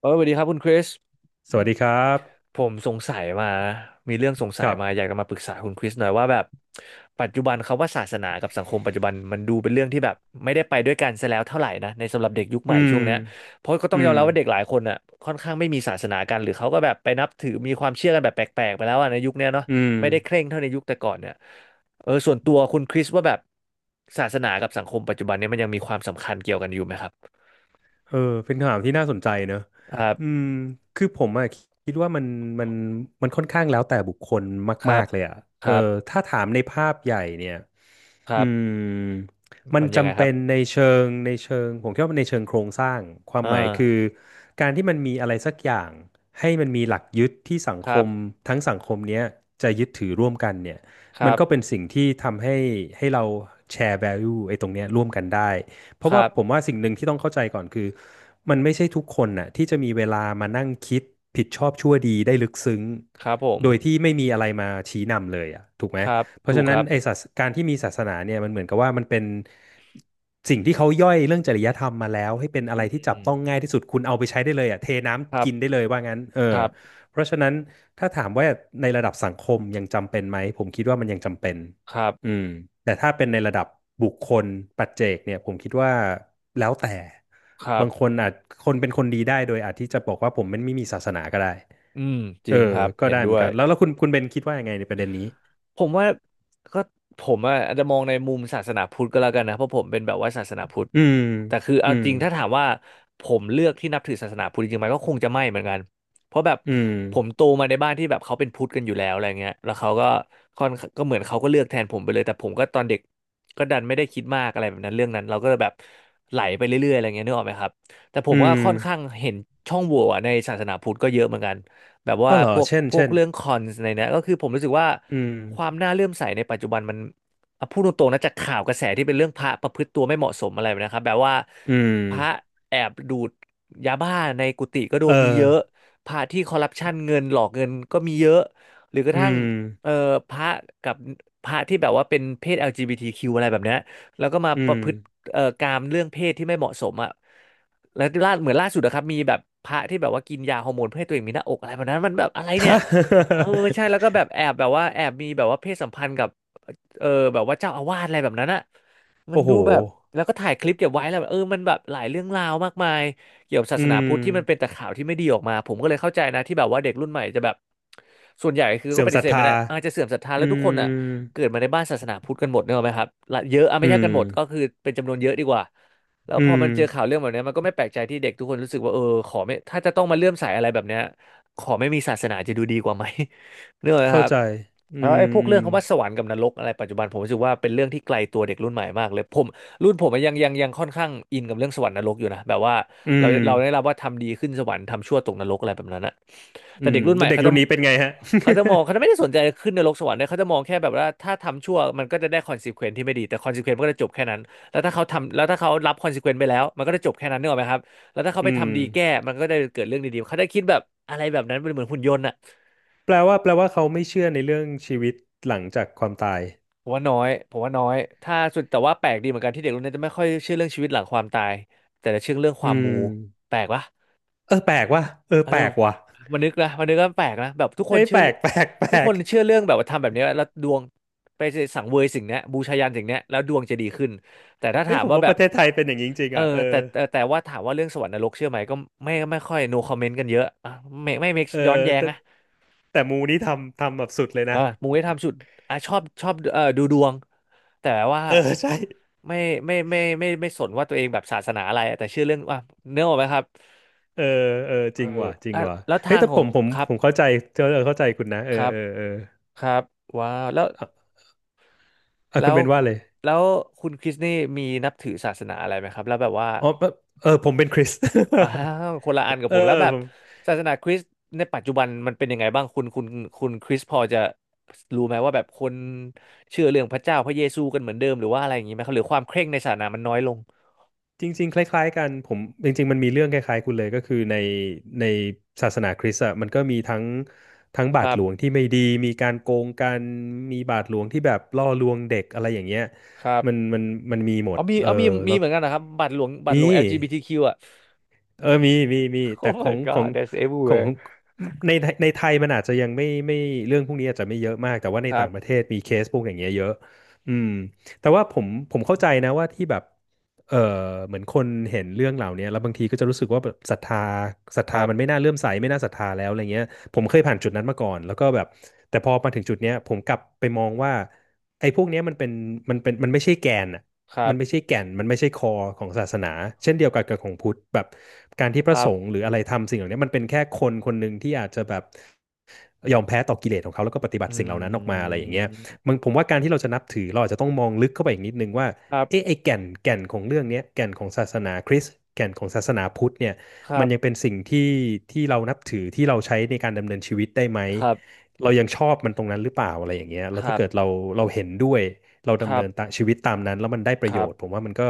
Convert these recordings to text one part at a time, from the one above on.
สวัสดีครับคุณคริสสวัสดีครับ ผมสงสัยมามีเรื่องสงสัคยรัมาอยากบ จะมาปรึกษาคุณคริสหน่อยว่าแบบปัจจุบันเขาว่าศาสนากับสังคมปัจจุบันมันดูเป็นเรื่องที่แบบไม่ได้ไปด้วยกันซะแล้วเท่าไหร่นะในสำหรับเด็กยุคใหอืม่ม ช่วงเนี้ยเพราะก็ต้อืองยอม มรับว่าเด็กหลายคนอ่ะค่อนข้างไม่มีศาสนากันหรือเขาก็แบบไปนับถือมีความเชื่อกันแบบแปลกๆไปแล้วอ่ะในยุคเนี้ยเนาะอืม ไม่ได้เคร่งเท่าในยุคแต่ก่อนเนี่ยส่วนตัวคุณคริสว่าแบบศาสนากับสังคมปัจจุบันเนี่ยมันยังมีความสำคัญเกี่ยวกันอยู่ไหมครับเออเป็นคำถามที่น่าสนใจเนอะครัอืบมคือผมอะคิดว่ามันมันค่อนข้างแล้วแต่บุคคลครัมาบกๆเลยอะคเออรับถ้าถามในภาพใหญ่เนี่ยคอืรับมมันมันยังไงจำคเป็รันบ ในเชิงผมคิดว่าในเชิงโครงสร้างความอ่าหมายคือการที่มันมีอะไรสักอย่างให้มันมีหลักยึดที่สังคครัมบ ทั้งสังคมเนี้ยจะยึดถือร่วมกันเนี่ยคมัรันบ ก็เป็นสิ่งที่ทำให้เราแชร์ value ไอ้ตรงเนี้ยร่วมกันได้ เพคราะว่ารัผมบ ว่าสิ่งหนึ่งที่ต้องเข้าใจก่อนคือมันไม่ใช่ทุกคนน่ะที่จะมีเวลามานั่งคิดผิดชอบชั่วดีได้ลึกซึ้งครับผม โดยที่ไม่มีอะไรมาชี้นำเลยอ่ะถูกไหมครับเพราะถูฉะกคนั้นรับไอ้ศาสการที่มีศาสนาเนี่ยมันเหมือนกับว่ามันเป็นสิ่งที่เขาย่อยเรื่องจริยธรรมมาแล้วให้เป็นอะอืไรที่จับมต้องง่ายที่สุดคุณเอาไปใช้ได้เลยอ่ะเทคน้ำรับกินได้เลยว่างั้นเออครับเพราะฉะนั้นถ้าถามว่าในระดับสังคมยังจำเป็นไหมผมคิดว่ามันยังจำเป็น ครับอืมแต่ถ้าเป็นในระดับบุคคลปัจเจกเนี่ยผมคิดว่าแล้วแต่ครับบางคนอาจคนเป็นคนดีได้โดยอาจที่จะบอกว่าผมมันไม่มีศาสนาก็ได้อืมจเอริองครับ ก็เห็นได้เหมืด้อนวย กันแล้วคุณเบนคิดว่ายังไงในประเด็นนี้ผมว่าก็ผมอะอาจจะมองในมุมศาสนาพุทธก็แล้วกันนะเพราะผมเป็นแบบว่าศาสนาพุทธอืมแต่คืออืเอาจมริงถ้าถามว่าผมเลือกที่นับถือศาสนาพุทธจริงๆไหมก็คงจะไม่เหมือนกันเพราะแบบอืมผมโตมาในบ้านที่แบบเขาเป็นพุทธกันอยู่แล้วอะไรเงี้ยแล้วเขาก็ค่อนก็เหมือนเขาก็เลือกแทนผมไปเลยแต่ผมก็ตอนเด็กก็ดันไม่ได้คิดมากอะไรแบบนั้นเรื่องนั้นเราก็แบบไหลไปเรื่อยๆอะไรเงี้ยนึกออกไหมครับแต่ผอืมว่ามค่อนข้างเห็นช่องโหว่อะในศาสนาพุทธก็เยอะเหมือนกัน แบบอ๋ว่าอเหรพอวกเช่นพวกเช่นเรื่องคอนในเนี้ยก็คือผมรู้สึกว่าอืมความน่าเลื่อมใสในปัจจุบันมันอ่ะพูดตรงๆนะจากข่าวกระแสที่เป็นเรื่องพระประพฤติตัวไม่เหมาะสมอะไรแบบนะครับแบบว่าอืมพระแอบดูดยาบ้าในกุฏิก็โดเอนมีเยออะพระที่คอร์รัปชันเงินหลอกเงินก็มีเยอะหรือกระอืทั่งมเอ่อพระกับพระที่แบบว่าเป็นเพศ LGBTQ อลจีบีทีคิวอะไรแบบเนี้ยแล้วก็มาอืปม ระพฤติกามเรื่องเพศที่ไม่เหมาะสมอ่ะ แล้วล่าเหมือนล่าสุดนะครับมีแบบพระที่แบบว่ากินยาฮอร์โมนเพื่อให้ตัวเองมีหน้าอกอะไรแบบนั้นมันแบบอะไร ฮเนี่ยเออะใช่แล้วก็แบบแอบแบบว่าแอบมีแบบว่าเพศสัมพันธ์กับเออแบบว่าเจ้าอาวาสอะไรแบบนั้นอะ มันโอ้โหดูแบบแล้วก็ถ่ายคลิปเก็บไว้แล้วแบบมันแบบหลายเรื่องราวมากมายเกี่ยวกับศาอืสนามพุทธที่มันเป็นแต่ข่าวที่ไม่ดีออกมาผมก็เลยเข้าใจนะที่แบบว่าเด็กรุ่นใหม่จะแบบส่วนใหญ่คือก็เสื่อปมฏิศรัทเสธธาไม่ได้อาจจะเสื่อมศรัทธาอืแล้วทุกคนอ่ะมเกิดมาในบ้านศาสนาพุทธกันหมดเนกอะไหมครับละเยอะอ่ะไม่อืใช่กัมนหมดก็คือเป็นจำนวนเยอะดีกว่าแล้วพอือม มันเจอข่าวเรื่องแบบเนี้ยมันก็ไม่แปลกใจที่เด็กทุกคนรู้สึกว่าขอไม่ถ้าจะต้องมาเลื่อมใสอะไรแบบเนี้ยขอไม่มีศาสนาจะดูดีกว่าไหม เนกอะไหมเข้าครับ ใจอืแล้วไอ้พวกเรื่องคำว่ามสวรรค์กับนรกอะไรปัจจุบันผมรู้สึกว่าเป็นเรื่องที่ไกลตัวเด็กรุ่นใหม่มากเลยผมรุ่นผมอะยังค่อนข้างอินกับเรื่องสวรรค์นรกอยู่นะแบบว่าอืเรามเราได้รับว่าทำดีขึ้นสวรรค์ทำชั่วตกนรกอะไรแบบนั้นอะอืมอืแต่เด็กรุ่นใหม่มเด็กเขาจะรุ่นนี้เป็นไงฮะ เขาจะมองเขาจะไม่ได้ สนใจขึ้นนรกสวรรค์เลยเขาจะมองแค่แบบว่าถ้าทำชั่วมันก็จะได้คอนซีเควนที่ไม่ดีแต่คอนซีเควนมันก็จะจบแค่นั้นแล้วถ้าเขาทำแล้วถ้าเขารับคอนซีเควนไปแล้วมันก็จะจบแค่นั้นนึกออกไหมครับแล้วถ้าเขาอืไปมทำดีแก้มันก็ได้เกิดเรื่องดีๆเขาจะคิดแบบอะไรแบบนั้นเป็นเหมือนหุ่นยนต์อะ แปลว่าแปลว่าเขาไม่เชื่อในเรื่องชีวิตหลังจากความตายผมว่าน้อยถ้าสุดแต่ว่าแปลกดีเหมือนกันที่เด็กรุ่นนี้จะไม่ค่อยเชื่อเรื่องชีวิตหลังความตายแต่จะเชื่อเรื่องคอืวามมมูแปลกปะเออแปลกว่ะเออเออแปลกว่ะมันนึกนะมันนึกก็แปลกนะแบบทุกคนเอ้ยเชื่แปอลก แปลกแปลทุกคกนเชื่อเรื่องแบบว่าทำแบบนี้แล้วดวงไปสังเวยสิ่งเนี้ยบูชายัญสิ่งเนี้ยแล้วดวงจะดีขึ้นแต่ถ้าเอ้ถายมผมว่าว่าแบปบระเทศไทยเป็นอย่างนี้จริงเอๆออ่ะเออแต่ว่าถามว่าเรื่องสวรรค์นรกเชื่อไหมก็ไม่ค่อย no comment กันเยอะอ่ะไม่ make เออย้อนแย้งแต่นะ แต่มูนี่ทำแบบสุดเลยเอนะอมูได้ทำชุดอ่ะชอบดูดวง แต่ว่าเออ ใช่ไม่ไม่สนว่าตัวเองแบบศาสนาอะไรแต่เชื่อเรื่องว่าเนื้อออกไหมครับเออเออจเออริงว่ะจริงแล้วว่ะแล้วเฮ้ยทางแต่ขผองมผมครับผมเข้าใจเออเข้าใจคุณนะเอคอรับเออเออครับว้าวอ่ะอ่ะคุแล้ณวเป็นว่าเลย แล้วคุณคริสนี่มีนับถือศาสนาอะไรไหมครับแล้วแบบว่า อ๋อแบบเออผมเป็นคริส อ้าวคนละอัน กับเอผอมแล้วแบผบมศาสนาคริสต์ในปัจจุบันมันเป็นยังไงบ้างคุณคริสพอจะรู้ไหมว่าแบบคนเชื่อเรื่องพระเจ้าพระเยซูกันเหมือนเดิมหรือว่าอะไรอย่างนี้ไหมครับหรือความเคร่งในศาสนามันน้อยลงจริงๆคล้ายๆกันผมจริงๆมันมีเรื่องคล้ายๆคุณเลยก็คือในในศาสนาคริสต์อะมันก็มีทั้งคบาทรัหลวงบที่ไม่ดีมีการโกงกันมีบาทหลวงที่แบบล่อลวงเด็กอะไรอย่างเงี้ยครับมันมันมีหมดเอามีเออเอามีมีแล้วเหมือนกันนะครับบัตรหลวง นี่ LGBTQ อลจีบีทีคิวอ่ะ เออมีมี แต่ Oh ขอ my งของ God that's ของ everywhere ของในไทยมันอาจจะยังไม่เรื่องพวกนี้อาจจะไม่เยอะมาก แต่ว่าในครัต่าบงประเทศมีเคสพวกอย่างเงี้ยเยอะอืมแต่ว่าผมเข้าใจนะว่าที่แบบเออเหมือนคนเห็นเรื่องเหล่านี้แล้วบางทีก็จะรู้สึกว่าแบบศรัทคธารัมันไม่บน่าเลื่อมใสไม่น่าศรัทธาแล้วอะไรเงี้ยผมเคยผ่านจุดนั้นมาก่อนแล้วก็แบบแต่พอมาถึงจุดเนี้ยผมกลับไปมองว่าไอ้พวกเนี้ยมันเป็นมันไม่ใช่แกนอะ ครัมับนไม่ใช่แก่น มันไม่ใช่คอของศาสนา เช่นเดียวกันกับของพุทธแบบการที่พคระรัสงฆ์บหรืออะไรทำสิ่งเหล่านี้มันเป็นแค่คนคนหนึ่งที่อาจจะแบบยอมแพ้ต่อกิเลสของเขาแล้วก็ปฏิบัติอืสิ่งเหล่านั้นออกมาอะไรอย่างเงี้ยมมันผมว่าการที่เราจะนับถือเราอาจจะต้องมองลึกเข้าไปอีกนิดนึงว่าครับเอ๊ะไอ้แก่นของเรื่องนี้แก่นของศาสนาคริสต์แก่นของศาสนาพุทธเนี่ยครัมันบยังเป็นสิ่งที่เรานับถือที่เราใช้ในการดำเนินชีวิตได้ไหมครับเรายังชอบมันตรงนั้นหรือเปล่าอะไรอย่างเงี้ยแล้ควรัถ้าเกิดบเราเห็นด้วย เราคดำรัเนิบนตามชีวิตตามนั้นแล้วมันได้ประโยชน์ผมว่ามันก็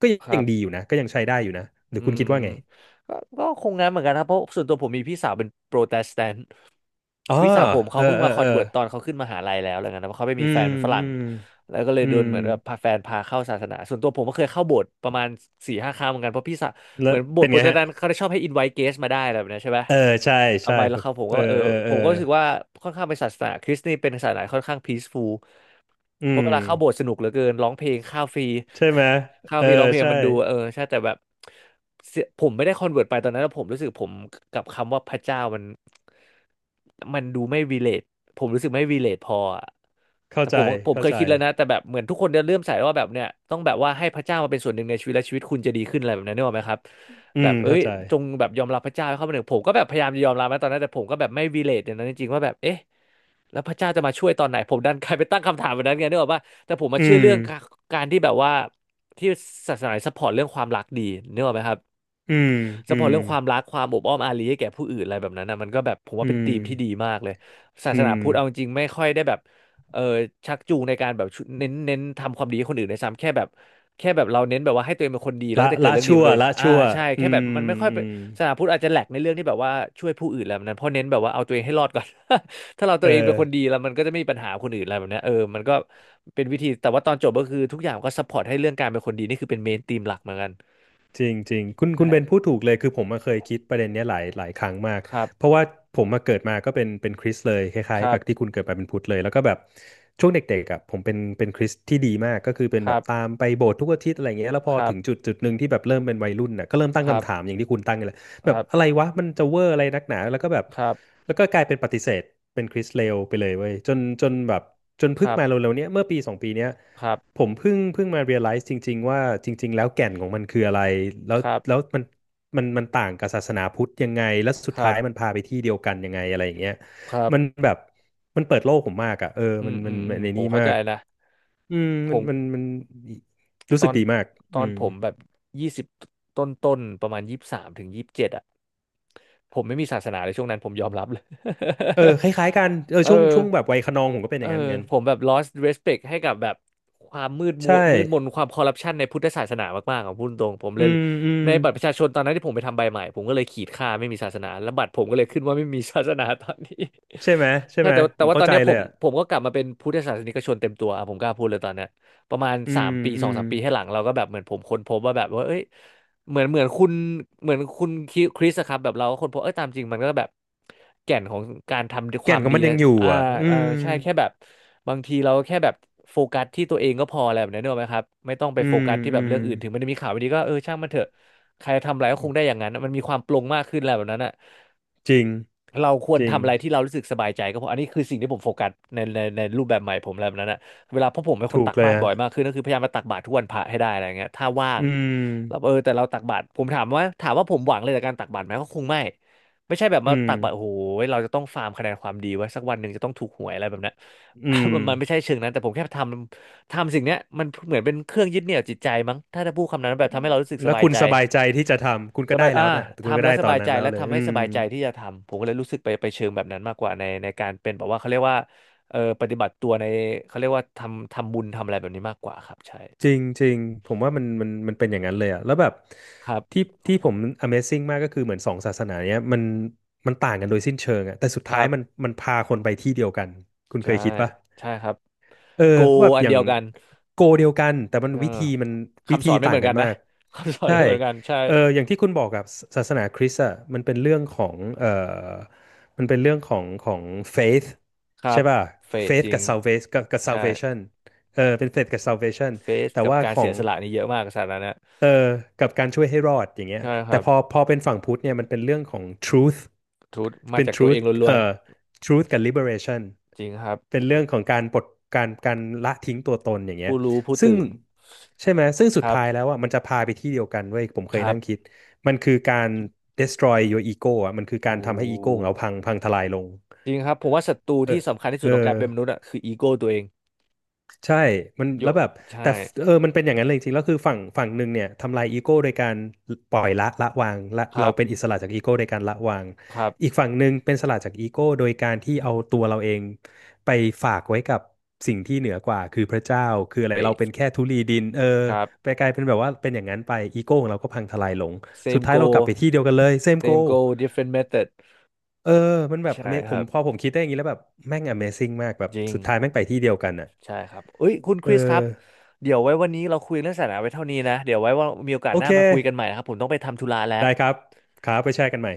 ก็ครัยังดีอบ ยู่นะก็ยังใช้ได้อยู่นะหรืออืคุณมคิดว่าไงก็คงงั้นเหมือนกันครับเพราะส่วนตัวผมมีพี่สาวเป็นโปรเตสแตนต์อ๋อพี่สาวผมเอเขาอเพิ่งเออมาคอเอนอเวิร์ตตอนเขาขึ้นมหาลัยแล้วอะไรเงี้ยนะเพราะเขาไม่อืมีแฟมนเป็นฝอืรั่งมแล้วก็เลยอืโดมนเหมือนแบบพาแฟนพาเข้าศาสนาส่วนตัวผมก็เคยเข้าโบสถ์ประมาณ4-5 ครั้งเหมือนกันเพราะพี่สาวเหแล้มืวอนโบสเป็นถ์โปรไงเตสฮะแตนต์เขาได้ชอบให้อินไวท์เกสมาได้อะไรแบบนี้ใช่ไหม เออใช่เอาใช่ไว้แล้วครับผมเอก็อเออเออเอผอมก็รู้สึกว่าค่อนข้างเป็นศาสนาคริสต์นี่เป็นศาสนาค่อนข้างพีซฟูลอืเพราะเวมลาเข้าโบสถ์สนุกเหลือเกินร้องเพลงข้าวฟรี ใช่ไหม ข้าวเออฟรีร้องเพลงใช่มันดูเออใช่แต่แบบเสียผมไม่ได้คอนเวิร์ตไปตอนนั้นแล้วผมรู้สึกผมกับคำว่าพระเจ้ามัน มันดูไม่ relate ผมรู้สึกไม่ relate พออะเข้าแต่ใจผมเข้าเคยใจคิดแล้วนะแต่แบบเหมือนทุกคนจะเริ่มใส่ว่าแบบเนี่ยต้องแบบว่าให้พระเจ้ามาเป็นส่วนหนึ่งในชีวิตและชีวิตคุณจะดีขึ้นอะไรแบบนั้นนึกออกไหมครับ อืแบมบเอ้เข้ายใจจงแบบยอมรับพระเจ้าให้เข้ามาหนึ่งผมก็แบบพยายามจะยอมรับนะตอนนั้นแต่ผมก็แบบไม่ relate อย่างนั้นจริงๆว่าแบบเอ๊ะแล้วพระเจ้าจะมาช่วยตอนไหนผมดันกลายไปตั้งคำถามแบบนั้นไงนึกออกป่ะแต่ผมมาอืเชื่อมเรื่องการที่แบบว่าที่ศาสนาซัพพอร์ตเรื่องความรักดีนึกออกไหมครับ อืมซัอืพพอร์ตมเรื่องความรักความอบอ้อมอารีให้แก่ผู้อื่นอะไรแบบนั้นนะมันก็แบบผมอืว่าเป็นมธีมที่ดีมากเลยศาอืสนามพุทธเอาจริงๆไม่ค่อยได้แบบเออชักจูงในการแบบชุเน้นทำความดีให้คนอื่นในซ้ำแค่แบบเราเน้นแบบว่าให้ตัวเองเป็นคนดีแล้วละก็จะเกิดละเรื่องดีกัชั่บวตัวเองละอ่าชั่วใช่แค่อืแบบมันมไม่ค่อยอืเป็นมศาสนาพุทธอาจจะแหลกในเรื่องที่แบบว่าช่วยผู้อื่นแล้วนั้นเพราะเน้นแบบว่าเอาตัวเองให้รอดก่อน ถ้าเราตัเอวเองเป็นอ คนดีแล้วมันก็จะไม่มีปัญหาคนอื่นอะไรแบบเนี้ยเออมันก็เป็นวิธีแต่ว่าตอนจบก็คือทุกอย่างก็ซัพพอร์ตให้เรื่องการเป็นคนดีนี่คือเป็นเมนธีมหลักเหมือนกันจริงจริงคุณใช่คุณเบนพูดถูกเลยคือผมมาเคยคิดประเด็นเนี้ยหลายครั้งมากครับเพราะว่าผมมาเกิดมาก็เป็นคริสต์เลยคคล้ายๆรักับ บที่คุณเกิดมาเป็นพุทธเลยแล้วก็แบบช่วงเด็กๆอ่ะผมเป็นคริสต์ที่ดีมากก็คือเป็นคแบรับบตามไปโบสถ์ทุกอาทิตย์อะไรเงี้ยแล้วพอครัถึบ งจุดหนึ่งที่แบบเริ่มเป็นวัยรุ่นน่ะก็เริ่มตั้คงรัคำถามบ อย่างที่คุณตั้งเลยคแบบรับ อะไรวะมันจะเวอร์อะไรนักหนาแล้วก็แบบครับ แล้วก็กลายเป็นปฏิเสธเป็นคริสต์เลวไปเลยเว้ยจนแบบจนคเพิ่งรับ มาเร็วๆเนี้ยเมื่อปีสองปีเนี้ย ครับ ผมเพิ่งมา realize จริงๆว่าจริงๆแล้วแก่นของมันคืออะไรแล้วครับ แล้วมันมันต่างกับศาสนาพุทธยังไงแล้วสุคดรัท้าบ ยมันพาไปที่เดียวกันยังไงอะไรอย่างเงี้ยครับมันแบบมันเปิดโลกผมมากอ่ะเอออืมัมนอืมันมอืมันมในผมนี้เข้ามาใจกนะอืมผมันมันม มันรู้ตสึอกนดีมากตออืนมผมแบบยี่สิบต้นต้นๆประมาณ23-27อ่ะผมไม่มีศาสนาเลยช่วงนั้นผมยอมรับเลย เออคล้ายๆกันเอ อเออช่วงแบบวัยคะนองผมก็เป็นอเออย่างนั้นเหมือนกันผมแบบ lost respect ให้กับแบบความมืดมัใช่วมืดมนความคอร์รัปชันในพุทธศาสนามากๆของพูดตรงผมเลอืยมอืมในบัตรประชาชนตอนนั้นที่ผมไปทำใบใหม่ผมก็เลยขีดค่าไม่มีศาสนาแล้วบัตรผมก็เลยขึ้นว่าไม่มีศาสนาตอนนี้ ใช่ไหม ใช่ใช่ไหมแต่ว่าผแต่มว่าตเข้าอนใจเนี้ยผเลยมอ่ะผมก็กลับมาเป็นพุทธศาสนิกชนเต็มตัวอ่ะผมกล้าพูดเลยตอนเนี้ย ประมาณอืสามมปีอืสองมสามปีให้หลังเราก็แบบเหมือนผมค้นพบว่าแบบว่าเอ้ยเหมือนเหมือนคุณเหมือนคุณคริสอะครับแบบเราก็ค้นพบเอ้ยตามจริงมันก็แบบแก่นของการทำคแก่วานมของดีมันยันะงอยู่อ่าอ่ะอืเออมใช่แค่แบบบางทีเราก็แค่แบบโฟกัสที่ตัวเองก็พออะไรแบบนี้นเนกอะไหมครับไม่ต้องไปอืโฟมกัสที่อืแบบม เรื่องอื่นถึงมันจะมีข่าวไม่ดีก็เออช่างมันเถอะใครทำอะไรก็คงได้อย่างนั้นมันมีความปลงมากขึ้นอะไรแบบนั้นอะ จริงเราควรจริงทำอะไรที่เรารู้สึกสบายใจก็พออันนี้คือสิ่งที่ผมโฟกัสในรูปแบบใหม่ผมแบบนั้นนะเวลาเพราะผมเป็นคนถูตักกเลยบาตรฮะบ่อยมากขึ้นก็คือพยายามมาตักบาตรทุกวันพระให้ได้อะไรเงี้ยถ้าว่างอืมเราเออแต่เราตักบาตรผมถามว่าผมหวังเลยจากการตักบาตรไหมก็คงไม่ไม่ใช่แบบอืมามตักบาตรโอ้โหเราจะต้องฟาร์มคะแนนความดีไว้สักวันหนึ่งจะต้องถูกหวยอะไรแบบนั้น อื มมันไม่ใช่เชิงนั้นแต่ผมแค่ทำสิ่งเนี้ยมันเหมือนเป็นเครื่องยึดเหนี่ยวจิตใจมั้งถ้าจะพูดคำนั้นแบบทำให้เรารู้สึกสแล้วบายคุณใจ สบายใจที่จะทำคุณสก็ได้บายแล้วน่ะคุณทำก็แล้ได้วสตอบานยนั้ใจนแล้วและเลยทำอืให้สมบายใจที่จะทำ ผมก็เลยรู้สึกไปเชิงแบบนั้นมากกว่าในการเป็นแบบว่าเขาเรียกว่าปฏิบัติตัวในเขาเรียกว่าทำบุญทำอะไรแบบนี้มากกว่าครับใช่จริงจริงผมว่ามันเป็นอย่างนั้นเลยอะแล้วแบบครัที่บที่ผม Amazing มากก็คือเหมือนสองศาสนาเนี้ยมันต่างกันโดยสิ้นเชิงอะแต่สุดคท้ายรัมันบมันพาคนไปที่เดียวกันคุณเคใช่ยคิดปะ ใช่ครับเออโกเพราะแบบอันอย่าเดีงยวกันโกเดียวกันแต่มันเออวิธีมันวิคำสธีอนไม่เหต่ามืงอนกักันนนะ มาก คำสอนใช่ไม่เหมือนกันใช่เอออย่างที่คุณบอกกับศาสนาคริสต์อ่ะมันเป็นเรื่องของมันเป็นเรื่องของของ faith ครัใช่บป่ะ เฟส faith จริกังบ salvation กับ ใช่ salvation เออเป็น faith กับ salvation เฟสแต่กับว่ากาขรอเสียง สละนี่เยอะมากศาสตร์นั้นนะเออกับการช่วยให้รอดอย่างเงี้ยใช่คแต่รับพอเป็นฝั่งพุทธเนี่ยมันเป็นเรื่องของ truth ทุตมาเป็น จากตัวเอ truth งล้วเอ่อ น truth กับ liberation ๆจริงครับเป็นเรื่องของการปลดการละทิ้งตัวตนอย่างเงี้ยผู้รู้ผู้ซึ่งตื่นใช่ไหม ซึ่งคสุดรับท้ายแล้วอ่ะมันจะพาไปที่เดียวกันเว้ยผมเคคยรับ นั่งคิดมันคือการ destroy your ego อ่ะมันคือการโอ้ทำให้อีโก้ของเราพังทลายลงจริงครับผมว่าศัตรูเอที่อสำคัญที่สุเอดอ ของการเป็นมนุษย์อะคืออีโก้ตัวเองใช่มันโยแล้วแบบแต่ใช่ฟเออมันเป็นอย่างนั้นเลยจริงๆแล้วคือฝั่งหนึ่งเนี่ยทำลายอีโก้โดยการปล่อยละวางคเรารัเป็นอิบสระจากอีโก้โดยการละวางครับอีกฝั่งหนึ่งเป็นอิสระจากอีโก้โดยการที่เอาตัวเราเองไปฝากไว้กับสิ่งที่เหนือกว่าคือพระเจ้าคืออะไรเบเราสเป็นแค่ธุลีดินเออครับ ไปกลายเป็นแบบว่าเป็นอย่างนั้นไปอีโก้ของเราก็พังทลายลงสุด same ท้ายเรากลับไป goal ที่เดียวกันเลยเซมโก same goal different method เออมันแบบ ใช่ คผรัมบพอผมคิดได้อย่างนี้แล้วแบบแม่ง Amazing มากแบบจริงสุดท้ายแม่งไปที่เดียวกันอ่ะใช่ครับเอ้ยคุณคเอริสครับอเดี๋ยวไว้วันนี้เราคุยเรื่องศาสนาไว้เท่านี้นะเดี๋ยวไว้ว่ามีโอกาสโอหน้าเค มาคุยกันใหม่นะครับผมต้องไปทำธุระแล้วได้ครับครับไปแชร์กันใหม่